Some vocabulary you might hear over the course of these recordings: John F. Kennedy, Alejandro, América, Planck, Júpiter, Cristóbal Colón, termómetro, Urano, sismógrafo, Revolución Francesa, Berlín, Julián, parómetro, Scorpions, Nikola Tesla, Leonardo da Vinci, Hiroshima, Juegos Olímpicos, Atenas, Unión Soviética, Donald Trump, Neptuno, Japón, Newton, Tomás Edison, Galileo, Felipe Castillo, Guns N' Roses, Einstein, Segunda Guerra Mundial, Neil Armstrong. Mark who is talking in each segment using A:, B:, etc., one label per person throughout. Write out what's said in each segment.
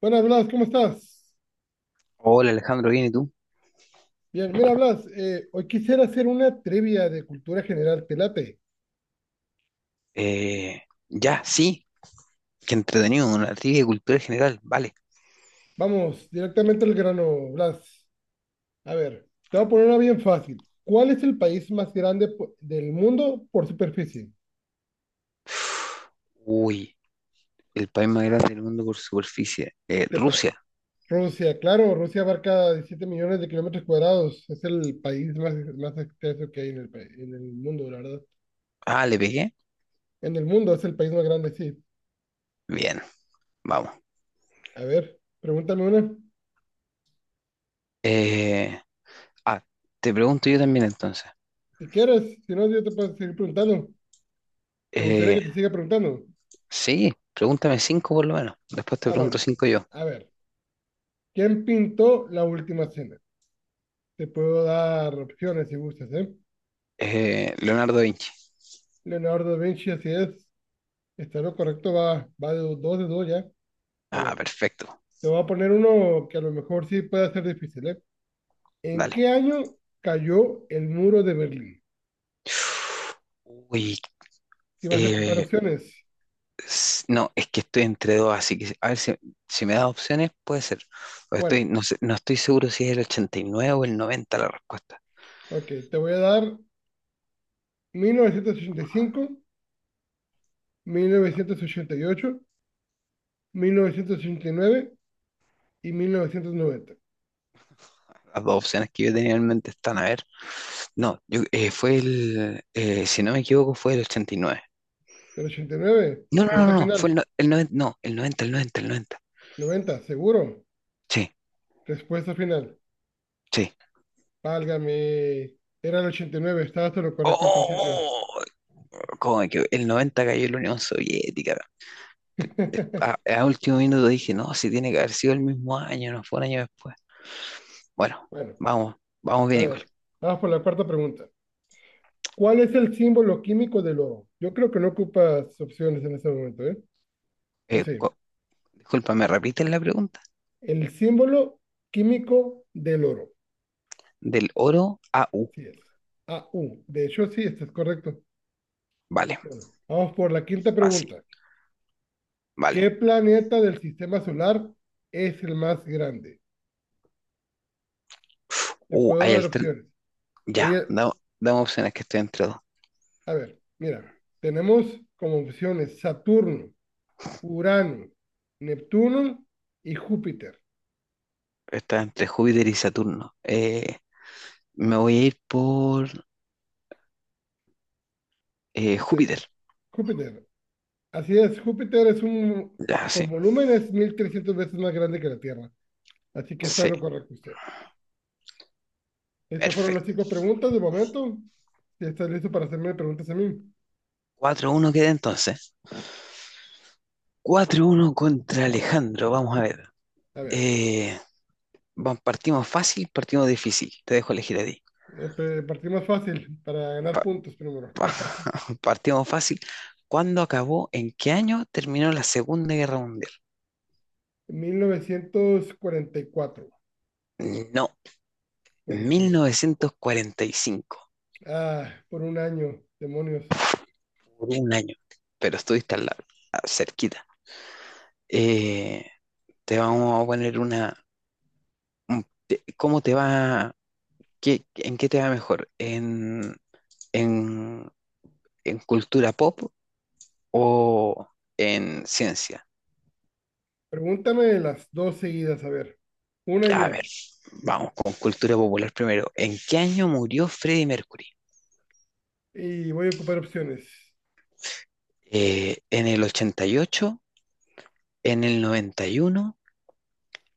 A: Buenas, Blas, ¿cómo estás?
B: Hola Alejandro, ¿bien y tú?
A: Bien, mira, Blas, hoy quisiera hacer una trivia de cultura general, ¿te late?
B: Eh, ya, sí, qué entretenido, una trivia de cultura general, vale.
A: Vamos, directamente al grano, Blas. A ver, te voy a poner una bien fácil. ¿Cuál es el país más grande del mundo por superficie?
B: Uy, el país más grande del mundo por superficie.
A: Te pa-
B: Rusia.
A: Rusia, claro, Rusia abarca 17 millones de kilómetros cuadrados. Es el país más extenso que hay en el mundo, la verdad.
B: Ah, le pegué.
A: En el mundo es el país más grande, sí.
B: Bien, vamos.
A: A ver, pregúntame una.
B: Eh, ah, Te pregunto yo también entonces.
A: Si quieres, si no, yo te puedo seguir preguntando. ¿Te gustaría
B: Eh,
A: que te siga preguntando?
B: sí, pregúntame cinco por lo menos. Después te
A: Ah,
B: pregunto
A: bueno.
B: cinco yo.
A: A ver. ¿Quién pintó la última cena? Te puedo dar opciones si gustas, ¿eh?
B: Leonardo da Vinci.
A: Leonardo da Vinci, así es. Está lo correcto, va de dos ya. A
B: Ah,
A: ver,
B: perfecto.
A: te voy a poner uno que a lo mejor sí puede ser difícil, ¿eh? ¿En
B: Dale.
A: qué año cayó el muro de Berlín?
B: Uy,
A: Si vas a ocupar
B: eh,
A: opciones.
B: No, es que estoy entre dos, así que a ver si, si me das opciones, puede ser. O estoy,
A: Bueno,
B: no estoy seguro si es el 89 o el 90 la respuesta.
A: ok, te voy a dar 1985, mil novecientos ochenta y ocho, nueve 1990.
B: Las dos opciones que yo tenía en mente están, a ver. No, yo, fue el, si no me equivoco, fue el ochenta y nueve.
A: ¿El 89?
B: No, no, no, no,
A: Pregunta
B: no, fue
A: final.
B: el noventa no, el noventa.
A: 90 seguro.
B: Sí,
A: Respuesta final.
B: sí.
A: Válgame. Era el 89, estaba hasta lo correcto al principio.
B: ¡Oh! ¿Cómo me El 90 cayó la Unión Soviética. A último minuto dije, no, si tiene que haber sido el mismo año, no fue un año después. Bueno,
A: Bueno,
B: vamos, vamos
A: a
B: bien igual.
A: ver, vamos por la cuarta pregunta. ¿Cuál es el símbolo químico del oro? Yo creo que no ocupas opciones en este momento, ¿eh? O
B: Eh,
A: sea,
B: co- Disculpa, ¿me repites la pregunta?
A: el símbolo químico del oro.
B: Del oro a U.
A: Así es. Au. De hecho, sí, esto es correcto.
B: Vale,
A: Bueno, vamos por la quinta
B: fácil.
A: pregunta.
B: Vale.
A: ¿Qué planeta del sistema solar es el más grande? Te
B: Uh, hay
A: puedo dar
B: alter...
A: opciones. Ahí.
B: Ya, damos opciones que estoy entre dos.
A: A ver, mira, tenemos como opciones Saturno, Urano, Neptuno y Júpiter.
B: Está entre Júpiter y Saturno. Me voy a ir por
A: Eh,
B: Júpiter.
A: Júpiter, así es, Júpiter es un,
B: Ya,
A: por
B: sí.
A: volumen es 1300 veces más grande que la Tierra. Así que está
B: Sí,
A: lo correcto usted. Estas fueron las
B: perfecto.
A: cinco preguntas de momento. Si estás listo para hacerme preguntas a mí.
B: 4 uno queda entonces. 4 uno contra Alejandro. Vamos a ver.
A: A ver,
B: Eh, Partimos fácil, partimos difícil. Te dejo elegir a ti.
A: eh, partimos fácil para ganar puntos primero.
B: Partimos fácil. ¿Cuándo acabó? ¿En qué año terminó la Segunda Guerra Mundial?
A: 1944.
B: No,
A: 40.
B: 1945.
A: Ah, por un año, demonios.
B: Por un año. Pero estuviste al lado, cerquita. Eh, Te vamos a poner una. ¿Cómo te va? ¿En qué te va mejor? En, en cultura pop o en ciencia?
A: Pregúntame las dos seguidas, a ver,
B: A
A: una.
B: ver, vamos con cultura popular primero. ¿En qué año murió Freddie Mercury?
A: Y voy a ocupar opciones.
B: ¿En el 88, en el 91,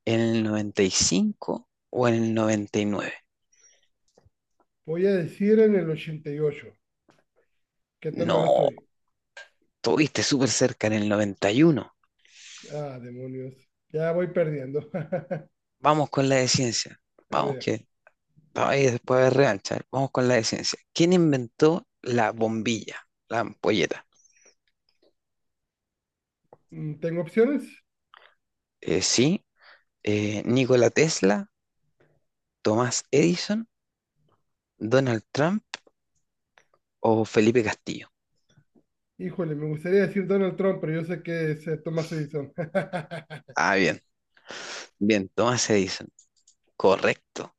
B: en el 95 o en el noventa y nueve?
A: Voy a decir en el 88. ¿Qué tan mal
B: No,
A: estoy?
B: tuviste súper cerca en el 91.
A: Ah, demonios. Ya voy perdiendo.
B: Vamos con la de ciencia.
A: A
B: Vamos
A: ver.
B: que ahí después de revancha. Vamos con la de ciencia. ¿Quién inventó la bombilla, la ampolleta?
A: ¿Tengo opciones?
B: Eh, sí, Nikola Tesla, Tomás Edison, Donald Trump o Felipe Castillo.
A: Híjole, me gustaría decir Donald Trump, pero yo sé que es Thomas Edison.
B: Ah, bien, bien, Tomás Edison. Correcto.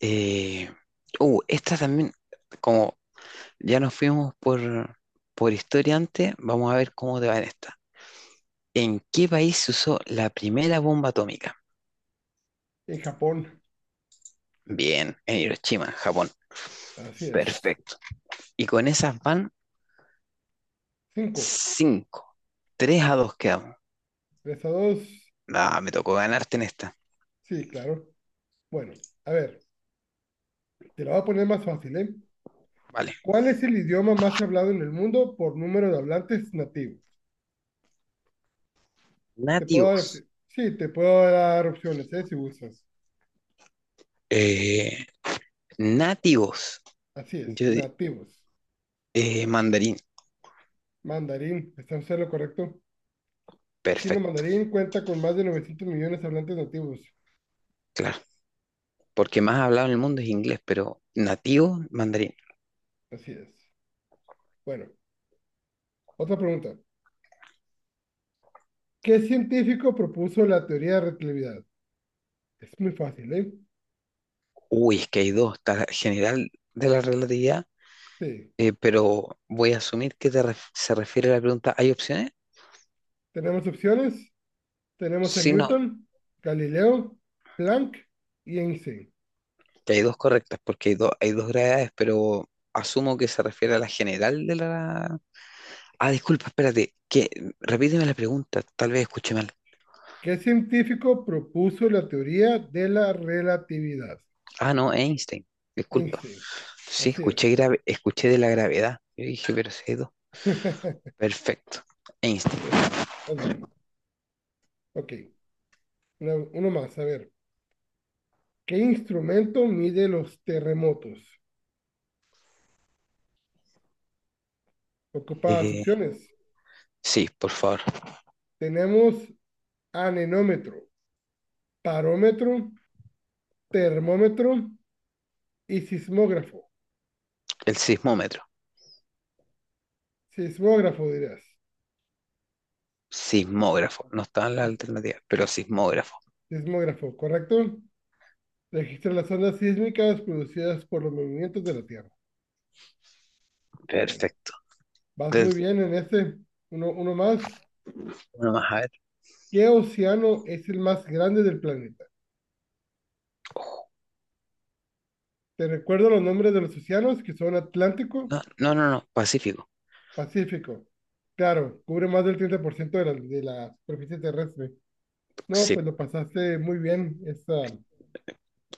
B: Eh, Esta también, como ya nos fuimos por historia antes, vamos a ver cómo te va en esta. ¿En qué país se usó la primera bomba atómica?
A: En Japón.
B: Bien, en Hiroshima, en Japón.
A: Así es.
B: Perfecto. Y con esas van
A: Cinco.
B: 5. 3 a 2 quedamos.
A: 3-2.
B: Ah, me tocó ganarte en esta.
A: Sí, claro. Bueno, a ver, te la voy a poner más fácil, ¿eh?
B: Vale.
A: ¿Cuál es el idioma más hablado en el mundo por número de hablantes nativos? Te puedo dar
B: Nativos.
A: opci- Sí, te puedo dar opciones, ¿eh? Si gustas.
B: Eh, Nativos.
A: Así es,
B: Yo, di-
A: nativos.
B: Mandarín.
A: Mandarín, ¿está usted en lo correcto? Chino
B: Perfecto,
A: mandarín cuenta con más de 900 millones de hablantes nativos.
B: claro. Porque más hablado en el mundo es inglés, pero nativo, mandarín.
A: Así es. Bueno, otra pregunta. ¿Qué científico propuso la teoría de relatividad? Es muy fácil, ¿eh?
B: Uy, es que hay dos, está la general de la relatividad,
A: Sí.
B: pero voy a asumir que se refiere a la pregunta, ¿hay opciones?
A: Tenemos opciones. Tenemos a
B: Sí, no,
A: Newton, Galileo, Planck y Einstein.
B: que hay dos correctas, porque hay dos gravedades, pero asumo que se refiere a la general de la... Ah, disculpa, espérate, que repíteme la pregunta, tal vez escuché mal.
A: ¿Qué científico propuso la teoría de la relatividad?
B: Ah, no, Einstein, disculpa.
A: Einstein.
B: Sí,
A: Así es.
B: escuché grave, escuché de la gravedad. Yo dije, pero si hay dos. Perfecto, Einstein.
A: Bueno, más bien. Ok. Uno más. A ver. ¿Qué instrumento mide los terremotos? Ocupadas
B: Eh,
A: opciones.
B: sí, por favor,
A: Tenemos anemómetro, parómetro, termómetro y sismógrafo.
B: el sismómetro.
A: Sismógrafo dirás.
B: Sismógrafo. No estaba en la
A: Sis-
B: alternativa pero sismógrafo.
A: Sismógrafo, ¿correcto? Registra las ondas sísmicas producidas por los movimientos de la Tierra. Bueno,
B: Perfecto.
A: vas muy
B: Entonces,
A: bien en este. Uno más.
B: uno más a ver.
A: ¿Qué océano es el más grande del planeta? Te recuerdo los nombres de los océanos que son Atlántico,
B: No, no, no, no, Pacífico.
A: Pacífico. Claro, cubre más del 30% de la superficie terrestre. No,
B: Sí,
A: pues lo pasaste muy bien. Esta.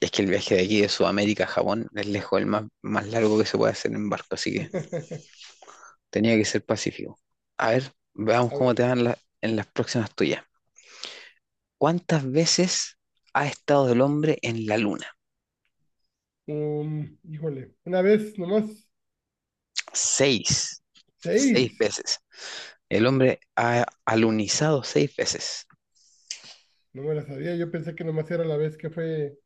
B: es que el viaje de aquí de Sudamérica a Japón es lejos el más, más largo que se puede hacer en barco, así que tenía que ser Pacífico. A ver, veamos
A: A
B: cómo te
A: ver,
B: van en las próximas tuyas. ¿Cuántas veces ha estado el hombre en la luna?
A: híjole, una vez nomás,
B: Seis. Seis
A: seis.
B: veces. El hombre ha alunizado seis veces.
A: No me la sabía, yo pensé que nomás era la vez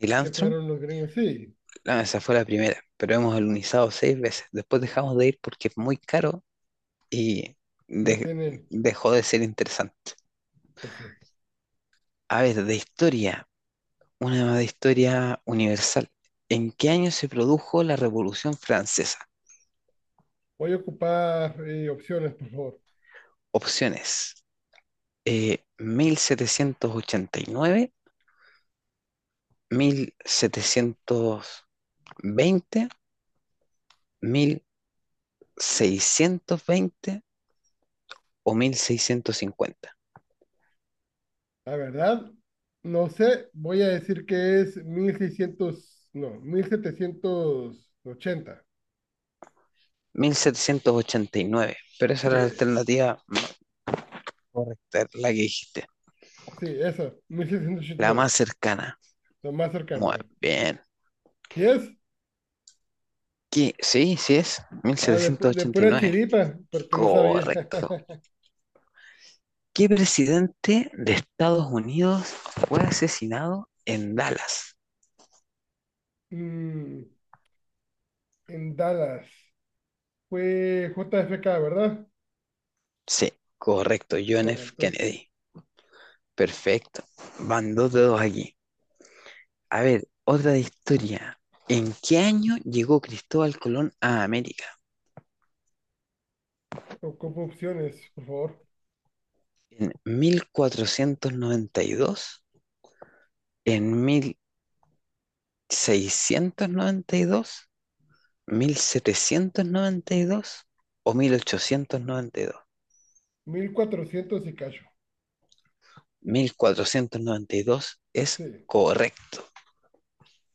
B: Neil
A: que
B: Armstrong.
A: fueron los gringos. Sí,
B: No, esa fue la primera, pero hemos alunizado seis veces. Después dejamos de ir porque es muy caro y
A: no
B: de-
A: tiene,
B: dejó de ser interesante.
A: pues sí.
B: A ver, de historia, una de historia universal. ¿En qué año se produjo la Revolución Francesa?
A: Voy a ocupar opciones, por favor.
B: Opciones: mil setecientos ochenta y nueve, mil setecientos veinte, mil seiscientos veinte o mil seiscientos cincuenta.
A: La verdad, no sé, voy a decir que es 1600 no, 1780.
B: Mil setecientos ochenta y nueve. Pero esa
A: Sí,
B: era la alternativa correcta, la que dijiste,
A: sí, eso, mil setecientos ochenta y
B: la más
A: nueve
B: cercana.
A: lo más cercano, a
B: Muy
A: ver.
B: bien.
A: ¿Sí es?
B: ¿Qué? Sí, sí es, mil
A: Ah,
B: setecientos
A: de
B: ochenta y
A: pura
B: nueve.
A: chiripa, porque no sabía.
B: Correcto. ¿Qué presidente de Estados Unidos fue asesinado en Dallas?
A: Mm, en Dallas, fue JFK, ¿verdad?
B: Sí, correcto, John F.
A: Correcto.
B: Kennedy. Perfecto. Van dos dedos aquí. A ver, otra de historia. ¿En qué año llegó Cristóbal Colón a América?
A: Ocupo opciones, por favor.
B: ¿En 1492, en mil seiscientos noventa y dos, 1792 o mil ochocientos noventa y dos?
A: 1400 y cacho.
B: Mil cuatrocientos noventa y dos es
A: Sí,
B: correcto.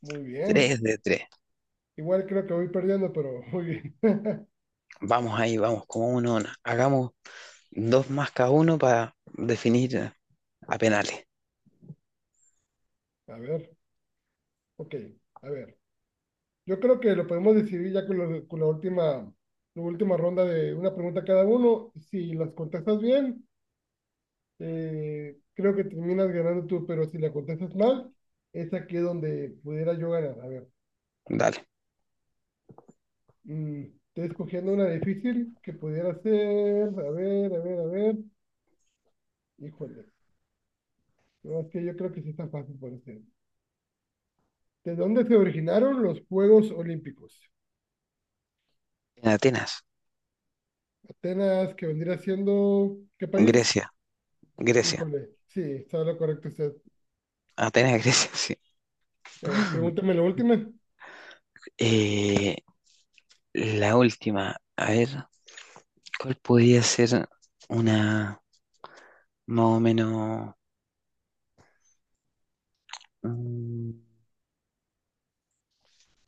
A: muy
B: Tres
A: bien.
B: de tres.
A: Igual creo que voy perdiendo, pero muy bien.
B: Vamos ahí, vamos, como uno, a una. Hagamos dos más cada uno para definir a penales.
A: A ver, ok, a ver. Yo creo que lo podemos decidir ya con, con la última ronda de una pregunta cada uno. Si las contestas bien, creo que terminas ganando tú, pero si la contestas mal, es aquí donde pudiera yo ganar. A ver,
B: Dale.
A: mm, estoy escogiendo una difícil que pudiera ser. A ver, a ver, a ver. Híjole, no, es que yo creo que sí está fácil por hacer. ¿De dónde se originaron los Juegos Olímpicos?
B: En Atenas,
A: Atenas, que vendría siendo, ¿qué país?
B: Grecia, Grecia.
A: Híjole, sí, está lo correcto usted.
B: Atenas, Grecia, sí.
A: A ver, pregúntame la última.
B: Eh, la última, a ver, ¿cuál podría ser una más o menos... mm,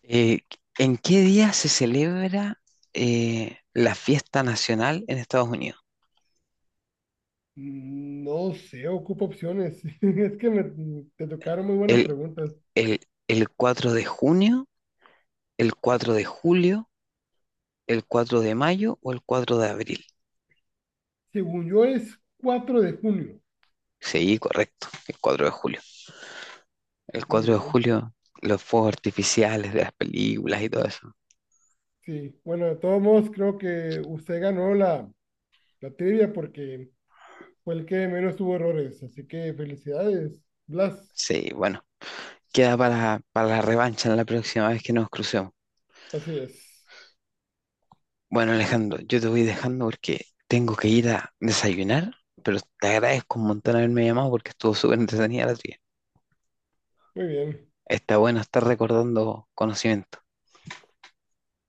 B: Eh, ¿en qué día se celebra la fiesta nacional en Estados Unidos?
A: No sé, ocupo opciones. Es que te tocaron muy buenas
B: ¿El,
A: preguntas.
B: el, el 4 de junio, el 4 de julio, el 4 de mayo o el 4 de abril?
A: Según yo es 4 de junio.
B: Sí, correcto, el 4 de julio. El
A: Muy
B: cuatro de
A: bien.
B: julio, los fuegos artificiales de las películas y todo eso.
A: Sí, bueno, de todos modos creo que usted ganó la trivia porque fue el que menos tuvo errores. Así que felicidades, Blas.
B: Sí, bueno, queda para la revancha en la próxima vez que nos crucemos.
A: Así es.
B: Bueno, Alejandro, yo te voy dejando porque tengo que ir a desayunar, pero te agradezco un montón haberme llamado porque estuvo súper entretenida la trivia.
A: Muy bien.
B: Está bueno estar recordando conocimientos.